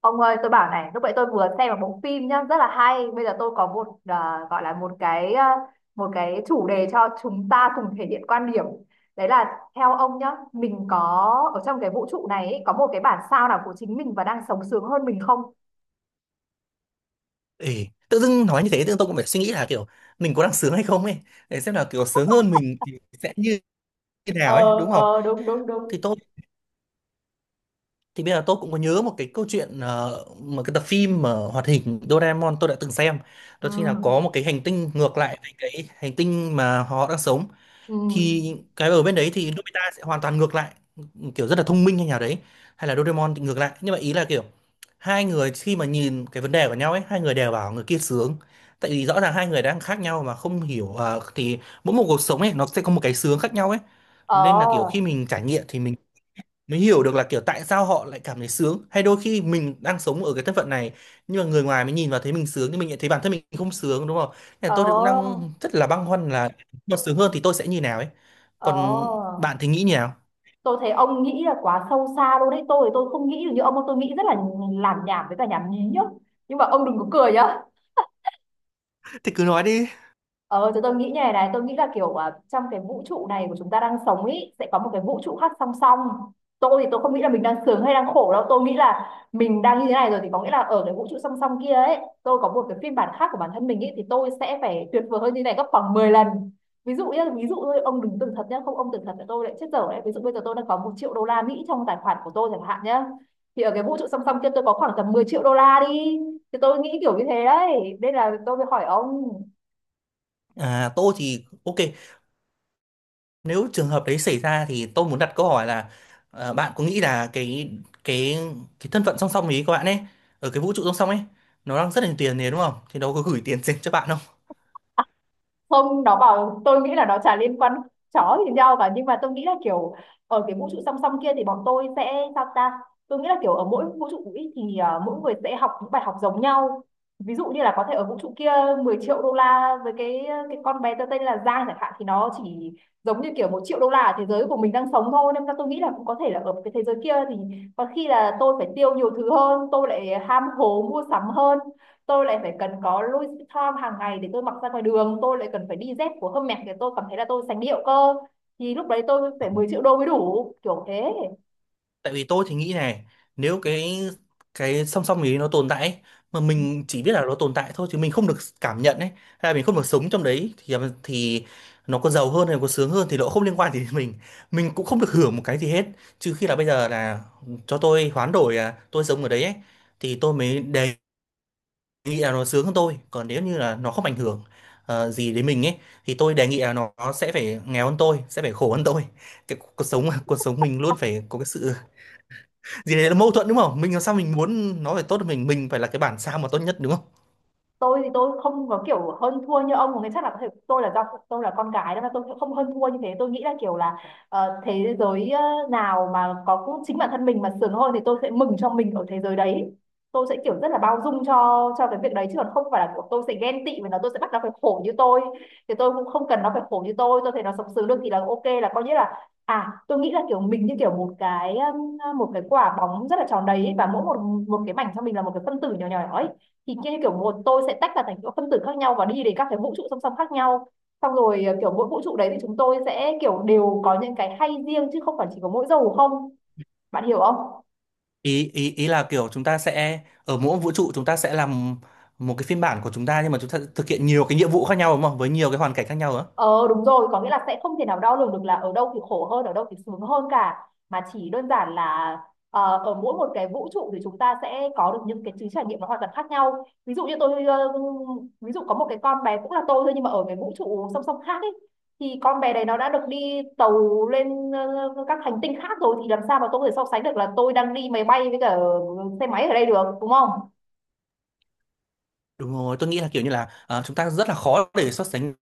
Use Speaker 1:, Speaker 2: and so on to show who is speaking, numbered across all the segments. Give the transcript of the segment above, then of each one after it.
Speaker 1: Ông ơi, tôi bảo này, lúc nãy tôi vừa xem một bộ phim nhá, rất là hay. Bây giờ tôi có một gọi là một cái một cái chủ đề cho chúng ta cùng thể hiện quan điểm. Đấy là theo ông nhá, mình có ở trong cái vũ trụ này ấy, có một cái bản sao nào của chính mình và đang sống sướng hơn mình không?
Speaker 2: Ê, tự dưng nói như thế tự dưng tôi cũng phải suy nghĩ là kiểu mình có đang sướng hay không ấy, để xem là kiểu sướng hơn mình thì sẽ như thế nào ấy
Speaker 1: Ờ.
Speaker 2: đúng không.
Speaker 1: Ờ, đúng đúng đúng.
Speaker 2: Thì tôi thì bây giờ tôi cũng có nhớ một cái câu chuyện, một cái tập phim mà hoạt hình Doraemon tôi đã từng xem,
Speaker 1: Ừ.
Speaker 2: đó chính là có một cái hành tinh ngược lại với cái hành tinh mà họ đang sống.
Speaker 1: Ừ.
Speaker 2: Thì cái ở bên đấy thì Nobita sẽ hoàn toàn ngược lại, kiểu rất là thông minh hay nào đấy, hay là Doraemon thì ngược lại, nhưng mà ý là kiểu hai người khi mà nhìn cái vấn đề của nhau ấy hai người đều bảo người kia sướng, tại vì rõ ràng hai người đang khác nhau mà không hiểu thì mỗi một cuộc sống ấy nó sẽ có một cái sướng khác nhau ấy.
Speaker 1: Ờ.
Speaker 2: Nên là kiểu khi mình trải nghiệm thì mình mới hiểu được là kiểu tại sao họ lại cảm thấy sướng, hay đôi khi mình đang sống ở cái thân phận này nhưng mà người ngoài mới nhìn vào thấy mình sướng nhưng mình lại thấy bản thân mình không sướng, đúng không. Nên là
Speaker 1: Ờ.
Speaker 2: tôi thì cũng đang rất là băn khoăn là mà sướng hơn thì tôi sẽ như nào ấy, còn
Speaker 1: Ờ.
Speaker 2: bạn thì nghĩ như nào,
Speaker 1: Tôi thấy ông nghĩ là quá sâu xa luôn đấy. Tôi thì tôi không nghĩ được như ông, tôi nghĩ rất là làm nhảm với cả nhảm nhí nhá. Nhưng mà ông đừng có cười nhá.
Speaker 2: thì cứ nói đi.
Speaker 1: Ờ, thì tôi nghĩ như này này, tôi nghĩ là kiểu trong cái vũ trụ này của chúng ta đang sống ý, sẽ có một cái vũ trụ khác song song. Tôi thì tôi không nghĩ là mình đang sướng hay đang khổ đâu, tôi nghĩ là mình đang như thế này rồi thì có nghĩa là ở cái vũ trụ song song kia ấy, tôi có một cái phiên bản khác của bản thân mình ý, thì tôi sẽ phải tuyệt vời hơn như này gấp khoảng 10 lần. Ví dụ nhá, ví dụ thôi, ông đừng tưởng thật nhá, không ông tưởng thật là tôi lại chết dở đấy. Ví dụ bây giờ tôi đang có 1 triệu đô la Mỹ trong tài khoản của tôi chẳng hạn nhá. Thì ở cái vũ trụ song song kia tôi có khoảng tầm 10 triệu đô la đi. Thì tôi nghĩ kiểu như thế đấy, nên là tôi mới hỏi ông.
Speaker 2: Tôi thì ok, nếu trường hợp đấy xảy ra thì tôi muốn đặt câu hỏi là, bạn có nghĩ là cái cái thân phận song song ấy, các bạn ấy ở cái vũ trụ song song ấy, nó đang rất là nhiều tiền này đúng không, thì nó có gửi tiền dành cho bạn.
Speaker 1: Không, nó bảo tôi nghĩ là nó chả liên quan chó gì nhau cả, nhưng mà tôi nghĩ là kiểu ở cái vũ trụ song song kia thì bọn tôi sẽ sao ta. Tôi nghĩ là kiểu ở mỗi vũ trụ ý thì mỗi người sẽ học những bài học giống nhau. Ví dụ như là có thể ở vũ trụ kia 10 triệu đô la với cái cái con bé tớ tên là Giang chẳng hạn thì nó chỉ giống như kiểu 1 triệu đô la ở thế giới của mình đang sống thôi, nên là tôi nghĩ là cũng có thể là ở cái thế giới kia thì có khi là tôi phải tiêu nhiều thứ hơn, tôi lại ham hố mua sắm hơn, tôi lại phải cần có Louis Vuitton hàng ngày để tôi mặc ra ngoài đường, tôi lại cần phải đi dép của Hermes để tôi cảm thấy là tôi sành điệu cơ, thì lúc đấy tôi phải 10 triệu đô mới đủ kiểu thế.
Speaker 2: Tại vì tôi thì nghĩ này, nếu cái song song ấy nó tồn tại ấy, mà mình chỉ biết là nó tồn tại thôi chứ mình không được cảm nhận ấy, hay là mình không được sống trong đấy thì thì nó có giàu hơn hay có sướng hơn thì nó không liên quan gì đến mình cũng không được hưởng một cái gì hết. Trừ khi là bây giờ là cho tôi hoán đổi là tôi sống ở đấy ấy, thì tôi mới đề nghị là nó sướng hơn tôi, còn nếu như là nó không ảnh hưởng gì đến mình ấy thì tôi đề nghị là nó sẽ phải nghèo hơn tôi, sẽ phải khổ hơn tôi. Cái cuộc sống cuộc sống mình luôn phải có cái sự gì đấy là mâu thuẫn đúng không, mình làm sao mình muốn nó phải tốt hơn mình phải là cái bản sao mà tốt nhất đúng không.
Speaker 1: Tôi thì tôi không có kiểu hơn thua như ông, có nghĩa chắc là có thể tôi là do tôi là con gái nên là tôi sẽ không hơn thua như thế. Tôi nghĩ là kiểu là thế giới nào mà có cũng chính bản thân mình mà sướng hơn thì tôi sẽ mừng cho mình ở thế giới đấy. Tôi sẽ kiểu rất là bao dung cho cái việc đấy, chứ còn không phải là kiểu tôi sẽ ghen tị và nó tôi sẽ bắt nó phải khổ như tôi. Thì tôi cũng không cần nó phải khổ như tôi thấy nó sống sướng được thì là ok, là coi như là. À, tôi nghĩ là kiểu mình như kiểu một cái quả bóng rất là tròn đấy ấy, và mỗi một một cái mảnh trong mình là một cái phân tử nhỏ nhỏ ấy. Thì kia kiểu một tôi sẽ tách ra thành những phân tử khác nhau và đi đến các cái vũ trụ song song khác nhau, xong rồi kiểu mỗi vũ trụ đấy thì chúng tôi sẽ kiểu đều có những cái hay riêng chứ không phải chỉ có mỗi dầu không, bạn hiểu không?
Speaker 2: Ý ý ý là kiểu chúng ta sẽ ở mỗi vũ trụ chúng ta sẽ làm một cái phiên bản của chúng ta, nhưng mà chúng ta thực hiện nhiều cái nhiệm vụ khác nhau đúng không, với nhiều cái hoàn cảnh khác nhau đó.
Speaker 1: Ờ, đúng rồi, có nghĩa là sẽ không thể nào đo lường được là ở đâu thì khổ hơn, ở đâu thì sướng hơn cả. Mà chỉ đơn giản là ở mỗi một cái vũ trụ thì chúng ta sẽ có được những cái trí trải nghiệm nó hoàn toàn khác nhau. Ví dụ như tôi, ví dụ có một cái con bé cũng là tôi thôi nhưng mà ở cái vũ trụ song song khác ấy. Thì con bé đấy nó đã được đi tàu lên các hành tinh khác rồi thì làm sao mà tôi có thể so sánh được là tôi đang đi máy bay với cả xe máy ở đây được, đúng không?
Speaker 2: Đúng rồi, tôi nghĩ là kiểu như là, chúng ta rất là khó để so sánh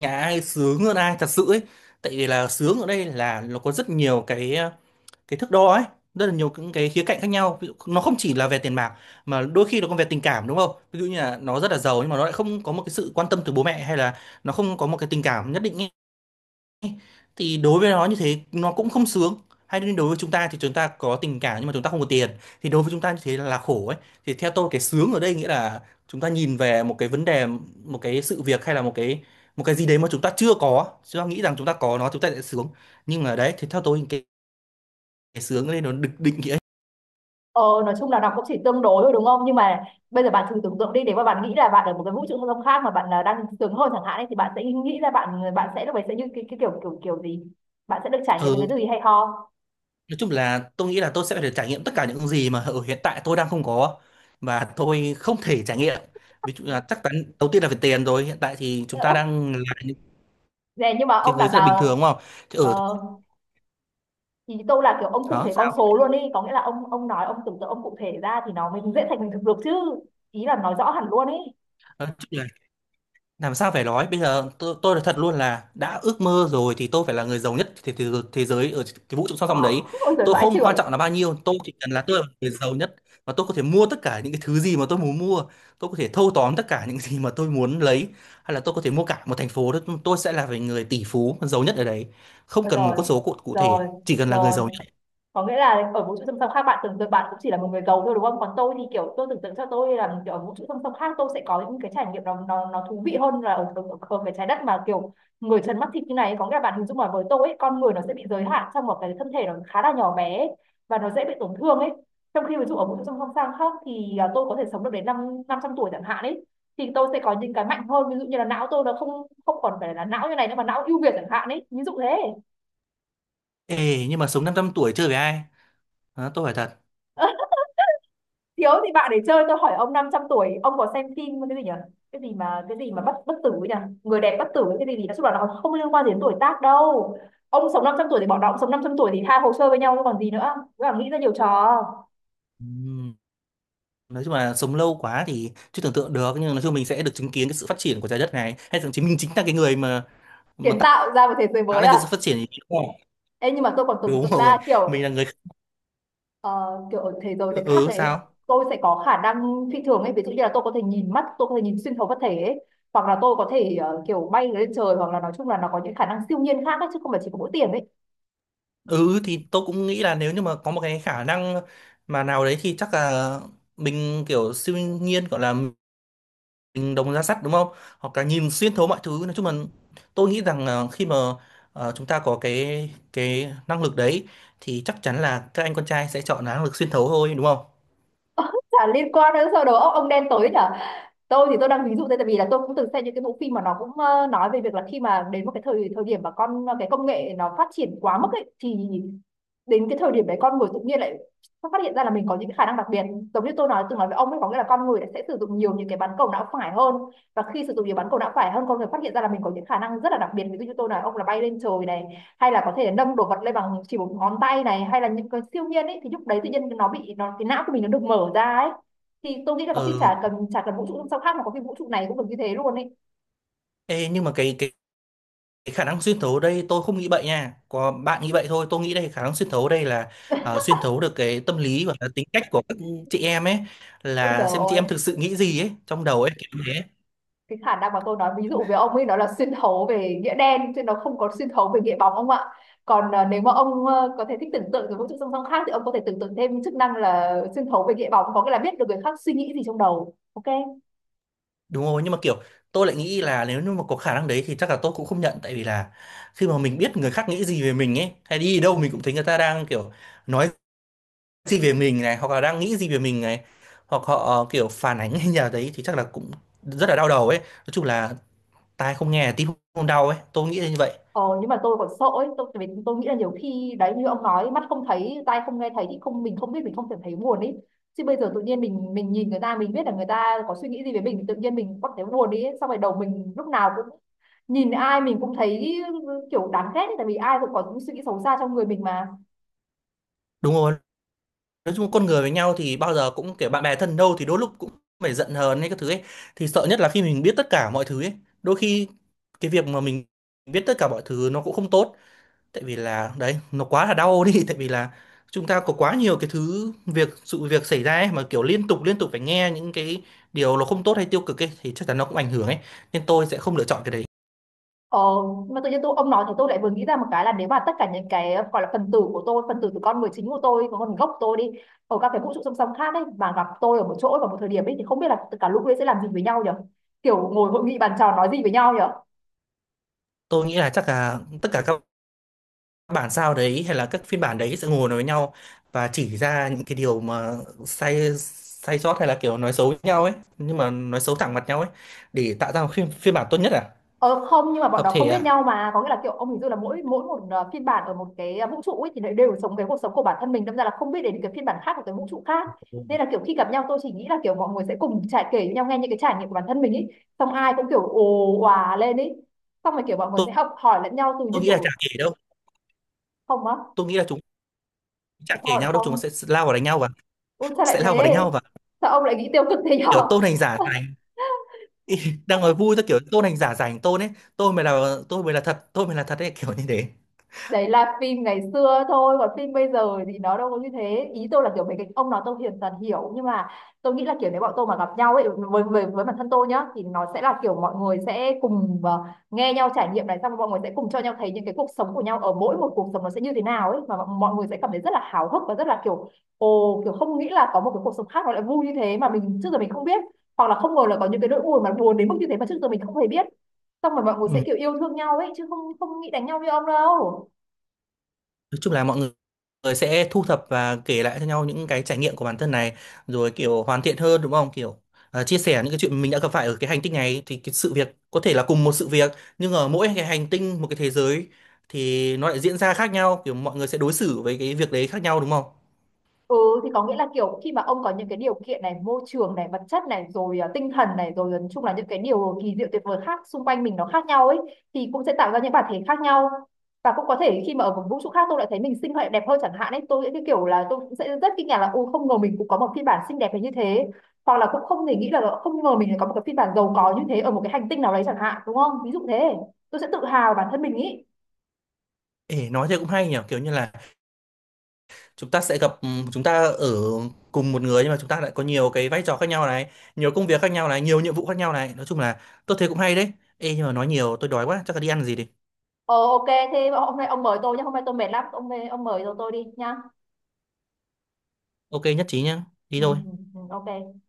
Speaker 2: nhà ai sướng hơn ai thật sự ấy. Tại vì là sướng ở đây là nó có rất nhiều cái thước đo ấy, rất là nhiều những cái khía cạnh khác nhau, ví dụ, nó không chỉ là về tiền bạc mà đôi khi nó còn về tình cảm đúng không, ví dụ như là nó rất là giàu nhưng mà nó lại không có một cái sự quan tâm từ bố mẹ, hay là nó không có một cái tình cảm nhất định ấy. Thì đối với nó như thế nó cũng không sướng hay, nên đối với chúng ta thì chúng ta có tình cảm nhưng mà chúng ta không có tiền thì đối với chúng ta như thế là khổ ấy. Thì theo tôi cái sướng ở đây nghĩa là chúng ta nhìn về một cái vấn đề, một cái sự việc, hay là một cái gì đấy mà chúng ta chưa có, chúng ta nghĩ rằng chúng ta có nó chúng ta sẽ sướng, nhưng mà đấy thì theo tôi cái sướng ở đây nó được định nghĩa.
Speaker 1: Ờ, nói chung là đọc cũng chỉ tương đối thôi đúng không? Nhưng mà bây giờ bạn thử tưởng tượng đi, nếu mà bạn nghĩ là bạn ở một cái vũ trụ không gian khác mà bạn là đang sướng hơn chẳng hạn ấy, thì bạn sẽ nghĩ ra bạn bạn sẽ lúc ấy sẽ như cái kiểu kiểu kiểu gì? Bạn sẽ được trải nghiệm
Speaker 2: Ừ.
Speaker 1: những cái gì hay ho?
Speaker 2: Nói chung là tôi nghĩ là tôi sẽ phải được trải nghiệm tất cả những gì mà ở hiện tại tôi đang không có và tôi không thể trải nghiệm. Ví dụ là chắc chắn đầu tiên là về tiền rồi, hiện tại thì chúng ta đang là những
Speaker 1: Nè nhưng mà
Speaker 2: cái
Speaker 1: ông
Speaker 2: người
Speaker 1: đằng
Speaker 2: rất là bình thường
Speaker 1: nào.
Speaker 2: đúng không? Chứ
Speaker 1: Ờ,
Speaker 2: ở
Speaker 1: ý tôi là kiểu ông cụ
Speaker 2: đó
Speaker 1: thể con
Speaker 2: sao?
Speaker 1: số luôn đi, có nghĩa là ông nói ông tưởng tượng ông cụ thể ra thì nó mới dễ thành hình thực được chứ. Ý là nói rõ hẳn luôn ý.
Speaker 2: Làm sao phải nói bây giờ tôi nói thật luôn là đã ước mơ rồi thì tôi phải là người giàu nhất thế giới ở cái vũ trụ song song đấy.
Speaker 1: Ôi giời
Speaker 2: Tôi
Speaker 1: vãi
Speaker 2: không quan
Speaker 1: chưởng.
Speaker 2: trọng là bao nhiêu, tôi chỉ cần là tôi là người giàu nhất, và tôi có thể mua tất cả những cái thứ gì mà tôi muốn mua, tôi có thể thâu tóm tất cả những gì mà tôi muốn lấy, hay là tôi có thể mua cả một thành phố đó, tôi sẽ là về người tỷ phú giàu nhất ở đấy, không
Speaker 1: Ờ.
Speaker 2: cần một
Speaker 1: Rồi
Speaker 2: con số cụ thể,
Speaker 1: rồi
Speaker 2: chỉ cần là người
Speaker 1: rồi,
Speaker 2: giàu nhất.
Speaker 1: có nghĩa là ở vũ trụ song song khác bạn tưởng tượng bạn cũng chỉ là một người giàu thôi đúng không, còn tôi thì kiểu tôi tưởng tượng cho tôi là kiểu ở vũ trụ song song khác tôi sẽ có những cái trải nghiệm nó thú vị hơn là ở cái trái đất mà kiểu người trần mắt thịt như này, có nghĩa là bạn hình dung là với tôi ấy, con người nó sẽ bị giới hạn trong một cái thân thể nó khá là nhỏ bé ấy, và nó dễ bị tổn thương ấy, trong khi ví dụ ở vũ trụ song song sang khác thì tôi có thể sống được đến năm 500 tuổi chẳng hạn ấy. Thì tôi sẽ có những cái mạnh hơn, ví dụ như là não tôi nó không không còn phải là não như này nữa mà não ưu việt chẳng hạn ấy, ví dụ thế.
Speaker 2: Ê, nhưng mà sống 500 tuổi chơi với ai. Đó, tôi phải thật.
Speaker 1: Thiếu thì bạn để chơi, tôi hỏi ông 500 tuổi ông có xem phim cái gì nhỉ, cái gì mà bất bất tử ấy nhỉ, người đẹp bất tử ấy, cái gì gì nói chung là nó không liên quan gì đến tuổi tác đâu. Ông sống 500 tuổi thì bọn nó cũng sống 500 tuổi thì hai hồ sơ với nhau chứ còn gì nữa. Cứ là nghĩ ra nhiều trò.
Speaker 2: Ừm. Nói chung là sống lâu quá thì chưa tưởng tượng được, nhưng nói chung mình sẽ được chứng kiến cái sự phát triển của trái đất này, hay thậm chí mình chính là cái người mà
Speaker 1: Kiến tạo ra một thế giới
Speaker 2: tạo
Speaker 1: mới
Speaker 2: nên
Speaker 1: à?
Speaker 2: cái sự phát triển thì đúng rồi.
Speaker 1: Ê, nhưng mà tôi còn tưởng
Speaker 2: Đúng
Speaker 1: tượng
Speaker 2: rồi.
Speaker 1: ra
Speaker 2: Mình
Speaker 1: kiểu
Speaker 2: là người.
Speaker 1: ờ, kiểu ở thế giới đấy khác
Speaker 2: Ừ
Speaker 1: đấy,
Speaker 2: sao.
Speaker 1: tôi sẽ có khả năng phi thường ấy, ví dụ như là tôi có thể nhìn mắt tôi có thể nhìn xuyên thấu vật thể ấy, hoặc là tôi có thể kiểu bay lên trời, hoặc là nói chung là nó có những khả năng siêu nhiên khác ấy, chứ không phải chỉ có mỗi tiền ấy.
Speaker 2: Ừ thì tôi cũng nghĩ là nếu như mà có một cái khả năng nào đấy thì chắc là mình kiểu siêu nhiên, gọi là mình đồng ra sắt đúng không, hoặc là nhìn xuyên thấu mọi thứ, nói chung là tôi nghĩ rằng là khi mà chúng ta có cái năng lực đấy thì chắc chắn là các anh con trai sẽ chọn năng lực xuyên thấu thôi đúng không.
Speaker 1: Chả liên quan đến sau đó ông, đen tối nhở. Tôi thì tôi đang ví dụ đây, tại vì là tôi cũng từng xem những cái bộ phim mà nó cũng nói về việc là khi mà đến một cái thời thời điểm mà con cái công nghệ nó phát triển quá mức ấy, thì đến cái thời điểm đấy con người tự nhiên lại phát hiện ra là mình có những cái khả năng đặc biệt, giống như tôi nói từng nói với ông ấy, có nghĩa là con người đã sẽ sử dụng nhiều những cái bán cầu não phải hơn, và khi sử dụng nhiều bán cầu não phải hơn con người phát hiện ra là mình có những khả năng rất là đặc biệt, ví dụ như tôi nói ông là bay lên trời này, hay là có thể nâng đồ vật lên bằng chỉ một ngón tay này, hay là những cái siêu nhiên ấy, thì lúc đấy tự nhiên nó bị nó cái não của mình nó được mở ra ấy. Thì tôi nghĩ là có khi
Speaker 2: Ừ.
Speaker 1: chả cần vũ trụ sao khác mà có khi vũ trụ này cũng được như thế luôn ấy.
Speaker 2: Ê, nhưng mà cái cái khả năng xuyên thấu ở đây tôi không nghĩ vậy nha. Có bạn nghĩ vậy thôi, tôi nghĩ đây khả năng xuyên thấu ở đây là, xuyên thấu được cái tâm lý và tính cách của các chị em ấy,
Speaker 1: Ôi
Speaker 2: là
Speaker 1: trời
Speaker 2: xem chị
Speaker 1: ơi,
Speaker 2: em thực sự nghĩ gì ấy trong đầu ấy, kiểu thế.
Speaker 1: cái khả năng mà tôi nói ví dụ về ông ấy nó là xuyên thấu về nghĩa đen chứ nó không có xuyên thấu về nghĩa bóng ông ạ. Còn nếu mà ông có thể thích tưởng tượng về vũ trụ song song khác thì ông có thể tưởng tượng thêm chức năng là xuyên thấu về nghĩa bóng Có nghĩa là biết được người khác suy nghĩ gì trong đầu. Ok.
Speaker 2: Đúng rồi, nhưng mà kiểu tôi lại nghĩ là nếu như mà có khả năng đấy thì chắc là tôi cũng không nhận, tại vì là khi mà mình biết người khác nghĩ gì về mình ấy, hay đi đâu mình cũng thấy người ta đang kiểu nói gì về mình này, hoặc là đang nghĩ gì về mình này, hoặc họ kiểu phản ánh hay nhà đấy thì chắc là cũng rất là đau đầu ấy, nói chung là tai không nghe là tim không đau ấy, tôi nghĩ là như vậy.
Speaker 1: Ờ, nhưng mà tôi còn sợ ấy, tôi, tại vì tôi nghĩ là nhiều khi đấy như ông nói mắt không thấy tai không nghe thấy thì không mình không biết mình không thể thấy buồn ấy, chứ bây giờ tự nhiên mình nhìn người ta mình biết là người ta có suy nghĩ gì về mình thì tự nhiên mình có thể buồn đi ấy. Xong rồi đầu mình lúc nào cũng nhìn ai mình cũng thấy kiểu đáng ghét ấy, tại vì ai cũng có những suy nghĩ xấu xa trong người mình mà.
Speaker 2: Đúng rồi, nói chung con người với nhau thì bao giờ cũng kiểu bạn bè thân đâu thì đôi lúc cũng phải giận hờn hay các thứ ấy. Thì sợ nhất là khi mình biết tất cả mọi thứ ấy, đôi khi cái việc mà mình biết tất cả mọi thứ nó cũng không tốt, tại vì là đấy, nó quá là đau đi, tại vì là chúng ta có quá nhiều cái thứ việc sự việc xảy ra ấy, mà kiểu liên tục phải nghe những cái điều nó không tốt hay tiêu cực ấy thì chắc chắn nó cũng ảnh hưởng ấy. Nên tôi sẽ không lựa chọn cái đấy.
Speaker 1: Ờ, mà tự nhiên tôi ông nói thì tôi lại vừa nghĩ ra một cái là nếu mà tất cả những cái gọi là phần tử của tôi, phần tử của con người chính của tôi, của con gốc của tôi đi ở các cái vũ trụ song song khác ấy mà gặp tôi ở một chỗ vào một thời điểm ấy thì không biết là cả lũ ấy sẽ làm gì với nhau nhỉ? Kiểu ngồi hội nghị bàn tròn nói gì với nhau nhỉ?
Speaker 2: Tôi nghĩ là chắc là tất cả các bản sao đấy hay là các phiên bản đấy sẽ ngồi nói với nhau và chỉ ra những cái điều mà sai sai sót, hay là kiểu nói xấu với nhau ấy, nhưng mà nói xấu thẳng mặt nhau ấy, để tạo ra một phiên bản tốt nhất à.
Speaker 1: Ờ không, nhưng mà bọn
Speaker 2: Hợp
Speaker 1: nó không
Speaker 2: thể
Speaker 1: biết
Speaker 2: à.
Speaker 1: nhau mà, có nghĩa là kiểu ông hình dung là mỗi mỗi một phiên bản ở một cái vũ trụ ấy thì lại đều sống cái cuộc sống của bản thân mình, đâm ra là không biết đến cái phiên bản khác của cái vũ trụ khác.
Speaker 2: Ừ.
Speaker 1: Nên là kiểu khi gặp nhau tôi chỉ nghĩ là kiểu mọi người sẽ cùng trải kể với nhau, nghe những cái trải nghiệm của bản thân mình ấy, xong ai cũng kiểu ồ òa lên ấy, xong rồi kiểu mọi người
Speaker 2: tôi,
Speaker 1: sẽ học hỏi lẫn nhau từ như
Speaker 2: tôi nghĩ là
Speaker 1: kiểu.
Speaker 2: chả kể đâu,
Speaker 1: Không á.
Speaker 2: tôi nghĩ là chúng chả
Speaker 1: Tại
Speaker 2: kể
Speaker 1: sao lại
Speaker 2: nhau đâu,
Speaker 1: không?
Speaker 2: chúng sẽ lao vào đánh nhau và
Speaker 1: Ui sao lại
Speaker 2: sẽ lao vào đánh
Speaker 1: thế?
Speaker 2: nhau và
Speaker 1: Sao ông lại nghĩ tiêu cực thế
Speaker 2: kiểu
Speaker 1: nhở?
Speaker 2: tôn hành giả rảnh. Ý, đang nói vui, tôi kiểu tôn hành giả rảnh tôn ấy, tôi mới là thật, tôi mới là thật ấy, kiểu như thế.
Speaker 1: Đấy là phim ngày xưa thôi, còn phim bây giờ thì nó đâu có như thế, ý tôi là kiểu mấy cái ông nói tôi hiền dần hiểu, nhưng mà tôi nghĩ là kiểu nếu bọn tôi mà gặp nhau ấy, với bản thân tôi nhá, thì nó sẽ là kiểu mọi người sẽ cùng nghe nhau trải nghiệm này, xong rồi mọi người sẽ cùng cho nhau thấy những cái cuộc sống của nhau, ở mỗi một cuộc sống nó sẽ như thế nào ấy, mà mọi mọi người sẽ cảm thấy rất là háo hức và rất là kiểu ồ, kiểu không nghĩ là có một cái cuộc sống khác nó lại vui như thế mà mình trước giờ mình không biết, hoặc là không ngờ là có những cái nỗi buồn mà buồn đến mức như thế mà trước giờ mình không hề biết, xong rồi mọi người sẽ
Speaker 2: Ừ.
Speaker 1: kiểu yêu thương nhau ấy, chứ không, không nghĩ đánh nhau như ông đâu.
Speaker 2: Nói chung là mọi người sẽ thu thập và kể lại cho nhau những cái trải nghiệm của bản thân này, rồi kiểu hoàn thiện hơn đúng không? Kiểu chia sẻ những cái chuyện mình đã gặp phải ở cái hành tinh này, thì cái sự việc có thể là cùng một sự việc, nhưng ở mỗi cái hành tinh, một cái thế giới, thì nó lại diễn ra khác nhau, kiểu mọi người sẽ đối xử với cái việc đấy khác nhau đúng không?
Speaker 1: Ừ thì có nghĩa là kiểu khi mà ông có những cái điều kiện này, môi trường này, vật chất này, rồi à, tinh thần này, rồi à, nói chung là những cái điều kỳ diệu tuyệt vời khác xung quanh mình nó khác nhau ấy, thì cũng sẽ tạo ra những bản thể khác nhau. Và cũng có thể khi mà ở một vũ trụ khác tôi lại thấy mình xinh hơn đẹp hơn chẳng hạn ấy, tôi sẽ cái kiểu là tôi cũng sẽ rất kinh ngạc là ô không ngờ mình cũng có một phiên bản xinh đẹp đến như thế. Hoặc là cũng không thể nghĩ là không ngờ mình lại có một cái phiên bản giàu có như thế ở một cái hành tinh nào đấy chẳng hạn, đúng không? Ví dụ thế. Tôi sẽ tự hào bản thân mình ý.
Speaker 2: Ê, nói thế cũng hay nhỉ, kiểu như là chúng ta sẽ gặp chúng ta ở cùng một người, nhưng mà chúng ta lại có nhiều cái vai trò khác nhau này, nhiều công việc khác nhau này, nhiều nhiệm vụ khác nhau này, nói chung là tôi thấy cũng hay đấy. Ê, nhưng mà nói nhiều tôi đói quá, chắc là đi ăn gì đi.
Speaker 1: Ờ ok, thế hôm nay ông mời tôi nhé, hôm nay tôi mệt lắm, ông mời tôi đi nhá.
Speaker 2: Ok, nhất trí nhá. Đi
Speaker 1: Ừ,
Speaker 2: thôi.
Speaker 1: ừ, ừ, ok.